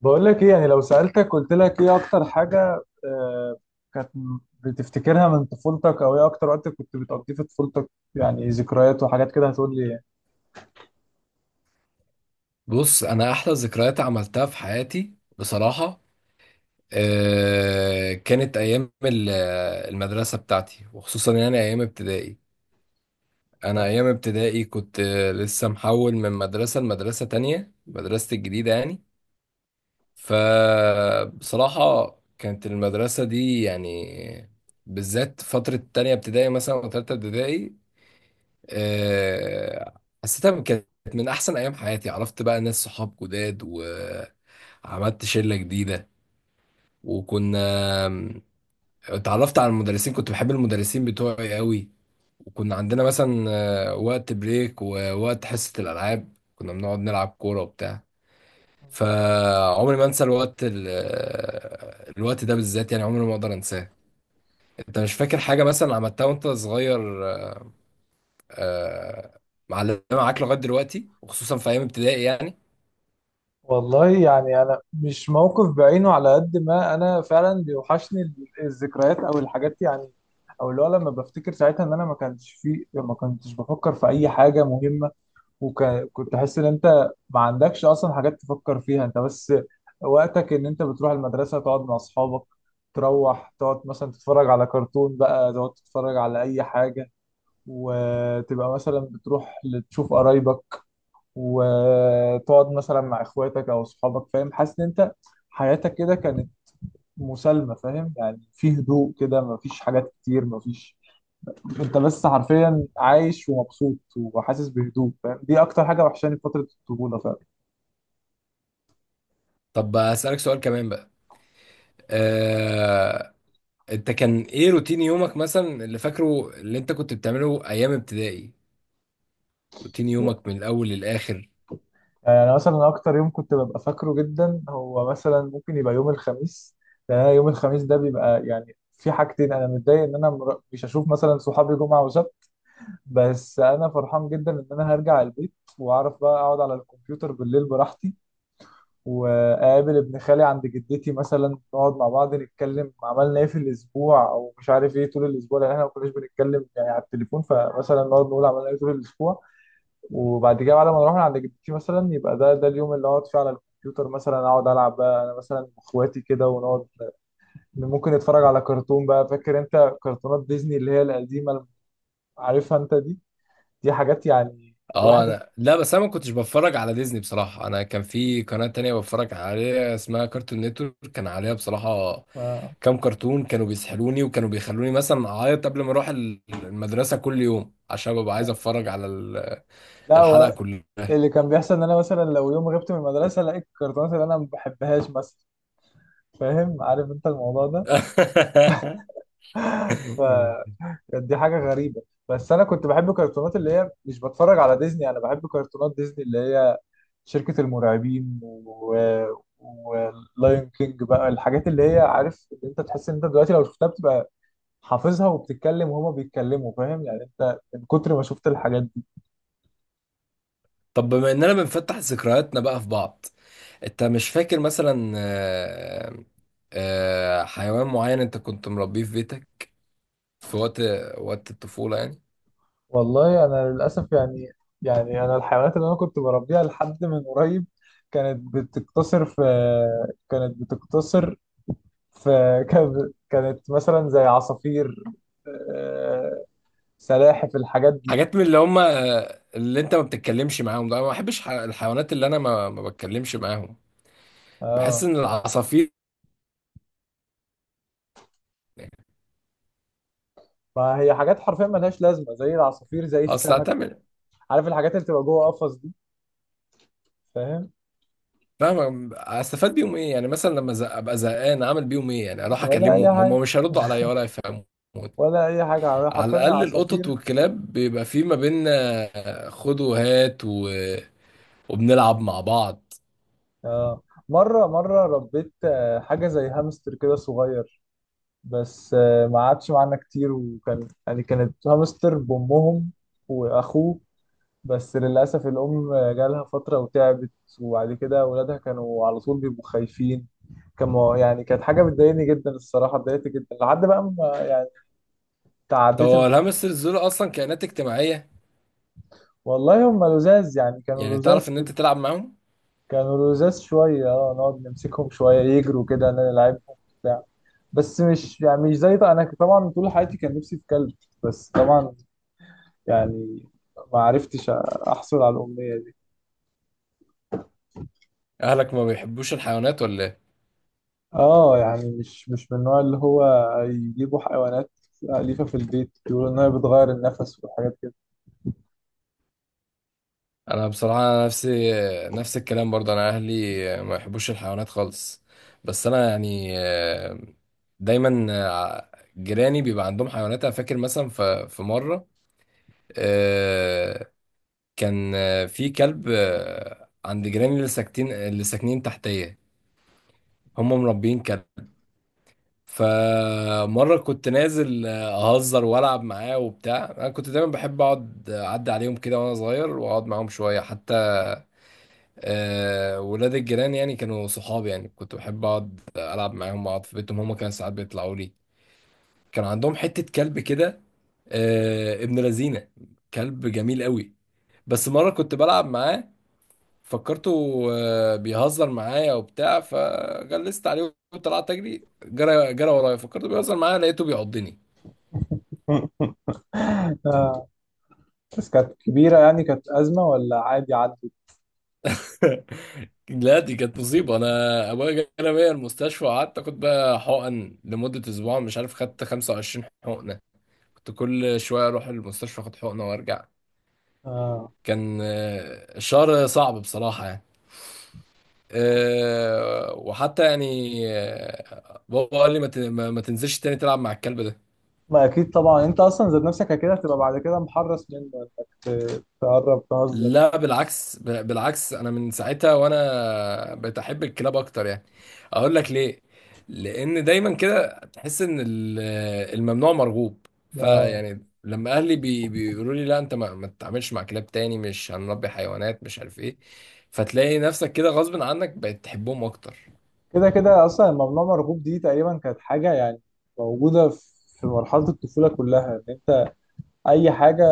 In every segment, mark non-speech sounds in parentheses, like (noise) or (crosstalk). بقول لك ايه؟ يعني لو سألتك قلت لك ايه اكتر حاجة كانت بتفتكرها من طفولتك، او ايه اكتر وقت كنت بتقضيه في طفولتك؟ يعني ذكريات وحاجات كده، هتقول لي إيه؟ بص انا احلى ذكريات عملتها في حياتي بصراحه. كانت ايام المدرسه بتاعتي وخصوصا يعني ايام ابتدائي. انا آه. ايام ابتدائي كنت لسه محول من مدرسه لمدرسه تانية، مدرستي الجديده يعني. فبصراحه، كانت المدرسه دي يعني بالذات فتره تانية ابتدائي مثلا وتالتة ابتدائي حسيتها كانت من احسن ايام حياتي. عرفت بقى ناس صحاب جداد، و عملت شلة جديدة. وكنا آم، اتعرفت على المدرسين، كنت بحب المدرسين بتوعي قوي. وكنا عندنا مثلا وقت بريك ووقت حصة الألعاب، كنا بنقعد نلعب كورة وبتاع. فعمري ما انسى الوقت الوقت ده بالذات يعني، عمري ما اقدر انساه. انت مش فاكر حاجة مثلا عملتها وانت صغير؟ آه، معلمة معاك لغاية دلوقتي وخصوصا في ايام ابتدائي يعني؟ والله يعني انا مش موقف بعينه، على قد ما انا فعلا بيوحشني الذكريات او الحاجات يعني. او اللي هو لما بفتكر ساعتها ان انا ما كانش في، ما كنتش بفكر في اي حاجة مهمة، وكنت احس ان انت ما عندكش اصلا حاجات تفكر فيها. انت بس وقتك ان انت بتروح المدرسه، تقعد مع اصحابك، تروح تقعد مثلا تتفرج على كرتون بقى، تقعد تتفرج على اي حاجه، وتبقى مثلا بتروح تشوف قرايبك، وتقعد مثلا مع اخواتك او اصحابك. فاهم؟ حاسس ان انت حياتك كده كانت مسالمه، فاهم يعني، في هدوء كده، مفيش حاجات كتير، مفيش، انت بس حرفيا عايش ومبسوط وحاسس بهدوء. فاهم؟ دي اكتر حاجه وحشاني في فتره الطفوله، فاهم؟ طب اسألك سؤال كمان بقى. آه، انت كان ايه روتين يومك مثلا اللي فاكره اللي انت كنت بتعمله ايام ابتدائي؟ روتين يومك من الاول للاخر؟ يعني مثلا اكتر يوم كنت ببقى فاكره جدا هو مثلا ممكن يبقى يوم الخميس. لان انا يوم الخميس ده بيبقى يعني في حاجتين، انا متضايق ان انا مش هشوف مثلا صحابي جمعه وسبت، بس انا فرحان جدا ان انا هرجع البيت واعرف بقى اقعد على الكمبيوتر بالليل براحتي، واقابل ابن خالي عند جدتي مثلا، نقعد مع بعض نتكلم عملنا ايه في الاسبوع او مش عارف ايه طول الاسبوع، لان احنا ما كناش بنتكلم يعني على التليفون، فمثلا نقعد نقول عملنا ايه طول الاسبوع. وبعد كده بعد ما نروح من عند جدتي مثلا، يبقى ده اليوم اللي اقعد فيه على الكمبيوتر، مثلا اقعد العب بقى انا مثلا واخواتي كده، ونقعد ممكن نتفرج على كرتون بقى. فاكر انت كرتونات ديزني اللي هي القديمه اللي عارفها انت دي؟ دي حاجات يعني، اه، الواحد، انا لا، بس انا ما كنتش بتفرج على ديزني بصراحة. انا كان في قناة تانية بتفرج عليها اسمها كارتون نتورك، كان عليها بصراحة آه. كام كرتون كانوا بيسحلوني وكانوا بيخلوني مثلا اعيط قبل ما اروح المدرسة كل يوم عشان ببقى عايز اتفرج على لا الحلقة هو كلها. اللي كان بيحصل ان انا مثلا لو يوم غبت من المدرسه لقيت الكرتونات اللي انا ما بحبهاش مثلا. فاهم؟ عارف انت الموضوع ده. (laughs) فكانت، دي حاجه غريبه. بس انا كنت بحب الكرتونات اللي هي، مش بتفرج على ديزني، انا بحب كرتونات ديزني اللي هي شركة المرعبين و... ولايون كينج بقى، الحاجات اللي هي، عارف إن انت تحس ان انت دلوقتي لو شفتها بتبقى حافظها، وبتتكلم وهما بيتكلموا، فاهم يعني، انت من كتر ما شفت الحاجات دي. طب بما اننا بنفتح ذكرياتنا بقى في بعض، انت مش فاكر مثلا حيوان معين انت كنت مربيه في بيتك في وقت الطفولة يعني؟ والله انا للاسف يعني، يعني انا الحيوانات اللي انا كنت بربيها لحد من قريب كانت بتقتصر في، كانت بتقتصر في (laughs) كانت مثلا زي عصافير، آه، سلاحف، الحاجات دي. حاجات من اللي هم اللي انت ما بتتكلمش معاهم، ده انا ما بحبش الحيوانات اللي انا ما بتكلمش معاهم. بحس اه، ان العصافير، ما هي حاجات حرفيا ملهاش لازمه زي العصافير زي اصل السمك، هتعمل؟ عارف الحاجات اللي بتبقى جوه قفص دي، فاهم. فاهم، استفاد بيهم ايه يعني؟ مثلا لما ابقى زهقان، اعمل بيهم ايه يعني؟ اروح ولا اي اكلمهم حاجه، هم مش هيردوا عليا ولا يفهموا. ولا اي حاجه، على حرفيا انا، الاقل القطط عصافير. والكلاب بيبقى في ما بيننا خد وهات، و... وبنلعب مع بعض. آه. مره ربيت حاجه زي هامستر كده صغير، بس ما قعدش معانا كتير، وكان يعني كانت هامستر بامهم واخوه. بس للاسف الام جالها فتره وتعبت، وبعد كده اولادها كانوا على طول بيبقوا خايفين. كانوا يعني، كانت حاجه بتضايقني جدا الصراحه، اتضايقت جدا لحد بقى ما يعني طب تعديت هو الموضوع. الهامسترز دول اصلا كائنات اجتماعيه؟ والله هم لزاز يعني، كانوا يعني تعرف لزاز، ان انت تلعب معاهم؟ كانوا لزاز شوية، اه نقعد نمسكهم شوية، يجروا كده نلعبهم، بتاع. بس مش يعني مش زي، انا طبعا طول حياتي كان نفسي في كلب، بس طبعا يعني ما عرفتش احصل على الأمنية دي. اهلك ما بيحبوش الحيوانات ولا ايه؟ اه يعني مش، مش من النوع اللي هو يجيبوا حيوانات أليفة في البيت، يقولوا إن هي بتغير النفس وحاجات كده. انا بصراحه نفسي نفس الكلام برضه، انا اهلي ما يحبوش الحيوانات خالص. بس انا يعني دايما جيراني بيبقى عندهم حيوانات. انا فاكر مثلا في مره آه، كان في كلب عند جيراني اللي ساكتين، اللي ساكنين تحتيه، هم مربيين كلب. فمرة كنت نازل أهزر وألعب معاه وبتاع. أنا كنت دايما بحب أقعد أعدي عليهم كده وأنا صغير وأقعد معاهم شوية، حتى ولاد الجيران يعني كانوا صحابي، يعني كنت بحب أقعد ألعب معاهم أقعد في بيتهم، هما كانوا ساعات بيطلعوا لي. كان عندهم حتة كلب كده ابن لذينة، كلب جميل قوي. بس مرة كنت بلعب معاه، فكرته بيهزر معايا وبتاع، فجلست عليه وطلعت أجري، جرى جرى ورايا، فكرته بيهزر معايا، لقيته بيعضني. بس كانت كبيرة يعني، كانت أزمة ولا عادي عدت؟ (laughs) لا، دي كانت مصيبة. أنا أبويا جانا بيا المستشفى وقعدت آخد بقى حقن لمدة أسبوع، مش عارف خدت 25 حقنة. كنت كل شوية أروح المستشفى أخد حقنة وأرجع. آه، كان الشهر صعب بصراحة يعني. وحتى يعني بابا قال لي ما ت- ما- ما تنزلش تاني تلعب مع الكلب. ما أكيد طبعا أنت أصلا ذات نفسك كده هتبقى بعد كده محرص منه، إنك تقرب تهزر. لا بالعكس، بالعكس انا من ساعتها وانا بقيت احب الكلاب اكتر يعني. اقول لك ليه؟ لان دايما كده تحس ان الممنوع مرغوب، اه، فيعني لما اهلي بيقولوا لي لا انت ما تتعاملش مع كلاب تاني، مش هنربي حيوانات، مش عارف ايه. فتلاقي نفسك كده غصب عنك بقيت تحبهم اكتر. كده كده اصلا ممنوع مرغوب دي، تقريبا كانت حاجه يعني موجوده في مرحله الطفوله كلها، ان انت اي حاجه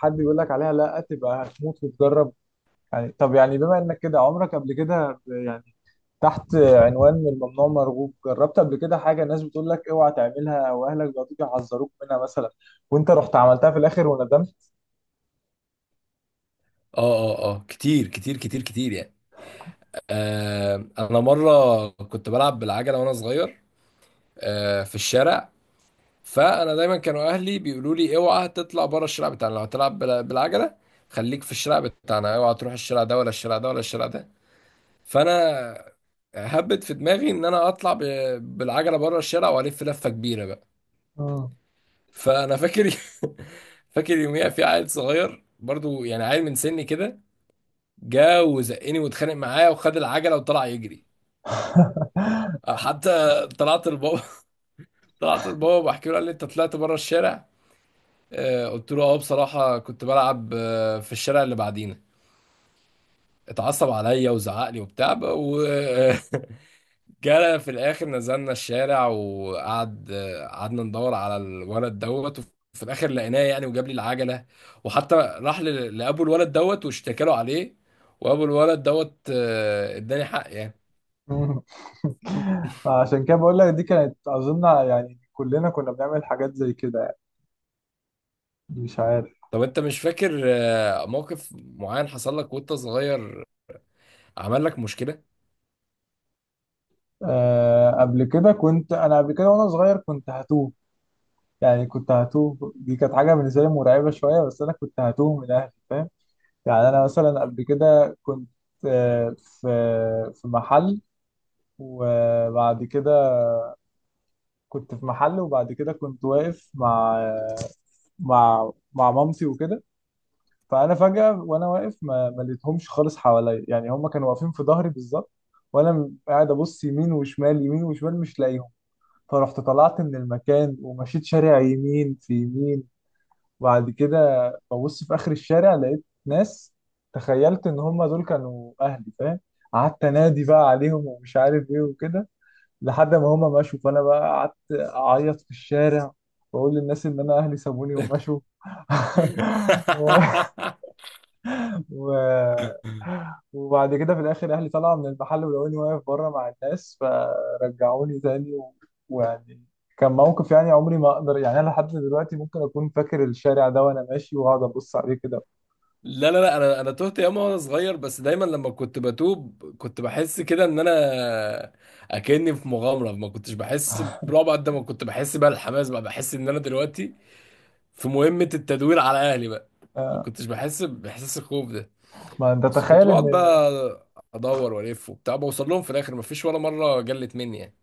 حد بيقول لك عليها لا تبقى هتموت وتجرب. يعني طب يعني بما انك كده، عمرك قبل كده يعني تحت عنوان من ممنوع مرغوب جربت قبل كده حاجه الناس بتقول لك اوعى تعملها، او اهلك بيقعدوا يحذروك منها مثلا، وانت رحت عملتها في الاخر وندمت؟ اه، كتير كتير كتير كتير يعني. انا مره كنت بلعب بالعجله وانا صغير في الشارع. فانا دايما كانوا اهلي بيقولوا لي اوعى تطلع بره الشارع بتاعنا لو هتلعب بالعجله. خليك في الشارع بتاعنا، اوعى تروح الشارع ده ولا الشارع ده ولا الشارع ده. فانا هبت في دماغي ان انا اطلع بالعجله بره الشارع والف لفه كبيره بقى. مم. فانا فاكر، (laughs) فاكر يوميها في عيل صغير برضو، يعني عيل من سني كده، جا وزقني واتخانق معايا وخد العجله وطلع يجري. حتى طلعت لبابا. (laughs) طلعت لبابا بحكي له، قال لي انت طلعت بره الشارع؟ قلت له اه بصراحة كنت بلعب في الشارع اللي بعدينا. اتعصب عليا وزعق لي وبتاع وجرى. (laughs) في الاخر نزلنا الشارع وقعد آه، قعدنا ندور على الولد دوت، وفي الاخر لقيناه يعني وجاب لي العجلة. وحتى راح لابو الولد دوت واشتكى له عليه. وابو الولد دوت اداني حق يعني. مم. (laughs) عشان كده بقول لك دي كانت اظن، يعني كلنا كنا بنعمل حاجات زي كده يعني، مش عارف. طب انت مش فاكر موقف معين حصل لك وانت صغير عمل لك مشكلة؟ آه قبل كده كنت، انا قبل كده وانا صغير كنت هتوه. يعني كنت هتوه، دي كانت حاجه بالنسبه لي مرعبه شويه، بس انا كنت هتوه من اهلي، فاهم؟ يعني انا مثلا قبل كده كنت، آه في، في محل، وبعد كده، كنت في محل وبعد كده كنت واقف مع، مع مامتي وكده. فانا فجاه وانا واقف، ما لقيتهمش خالص حواليا يعني، هم كانوا واقفين في ظهري بالظبط، وانا قاعد ابص يمين وشمال، يمين وشمال، مش لاقيهم. فرحت طلعت من المكان ومشيت شارع يمين في يمين. وبعد كده ببص في آخر الشارع لقيت ناس، تخيلت إن هم دول كانوا أهلي، فاهم؟ قعدت أنادي بقى عليهم ومش عارف إيه وكده، لحد ما هم مشوا، فأنا بقى قعدت أعيط في الشارع وأقول للناس إن أنا أهلي سابوني ومشوا. (laughs) (laughs) و... (gasps) وبعد كده في الاخر اهلي طلعوا من المحل ولقوني واقف بره مع الناس، فرجعوني تاني و... ويعني كان موقف يعني، عمري ما اقدر يعني، انا لحد دلوقتي ممكن اكون فاكر الشارع ده وانا ماشي واقعد ابص عليه كده. لا لا لا، انا تهت ياما وانا صغير. بس دايما لما كنت بتوب كنت بحس كده ان انا اكني في مغامره، ما كنتش بحس برعب قد ما كنت بحس بقى الحماس، بقى بحس ان انا دلوقتي في مهمه التدوير على اهلي بقى. ما آه، كنتش بحس باحساس الخوف ده. ما انت بس كنت تخيل ان، بقعد بقى ادور والف وبتاع بوصل لهم في الاخر، ما فيش ولا مره جلت مني يعني.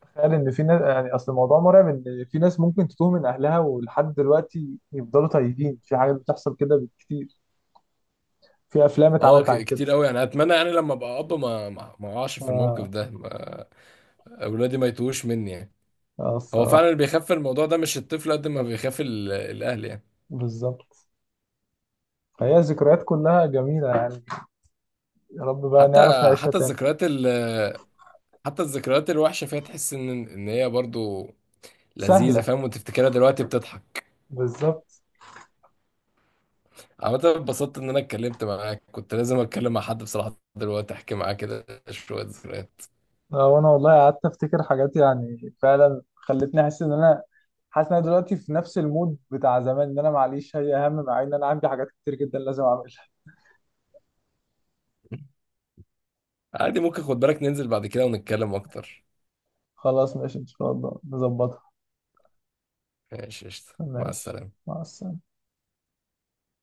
تخيل ان في ناس يعني، اصل الموضوع مرعب، ان في ناس ممكن تتوه من اهلها ولحد دلوقتي يفضلوا تايهين، في حاجات بتحصل كده بالكتير، في افلام اه، اتعملت عن كده. كتير قوي يعني. اتمنى يعني لما ابقى ما اقعش في الموقف اه، ده، اولادي ما يتوهوش مني يعني. هو فعلا الصراحه، اللي بيخاف الموضوع ده مش الطفل قد ما بيخاف الاهل يعني. بالظبط. فهي ذكريات كلها جميله يعني، يا رب بقى حتى نعرف نعيشها حتى تاني. الذكريات ال حتى الذكريات الوحشه فيها تحس ان هي برضو لذيذه، سهلة، فاهم، وتفتكرها دلوقتي بتضحك. بالظبط. عامه اتبسطت ان انا اتكلمت معاك، كنت لازم اتكلم مع حد بصراحه دلوقتي احكي معاه كده شويه ذكريات. وانا والله قعدت افتكر حاجات، يعني فعلا خلتني احس ان انا، حاسس ان انا دلوقتي في نفس المود بتاع زمان، ان انا معليش هي اهم، مع ان انا عندي حاجات كتير جدا لازم اعملها. عادي، ممكن خد بالك ننزل بعد كده ونتكلم اكتر. خلاص ماشي ان شاء الله نظبطها. ماشي قشطة. مع ماشي، السلامه. مع السلامة.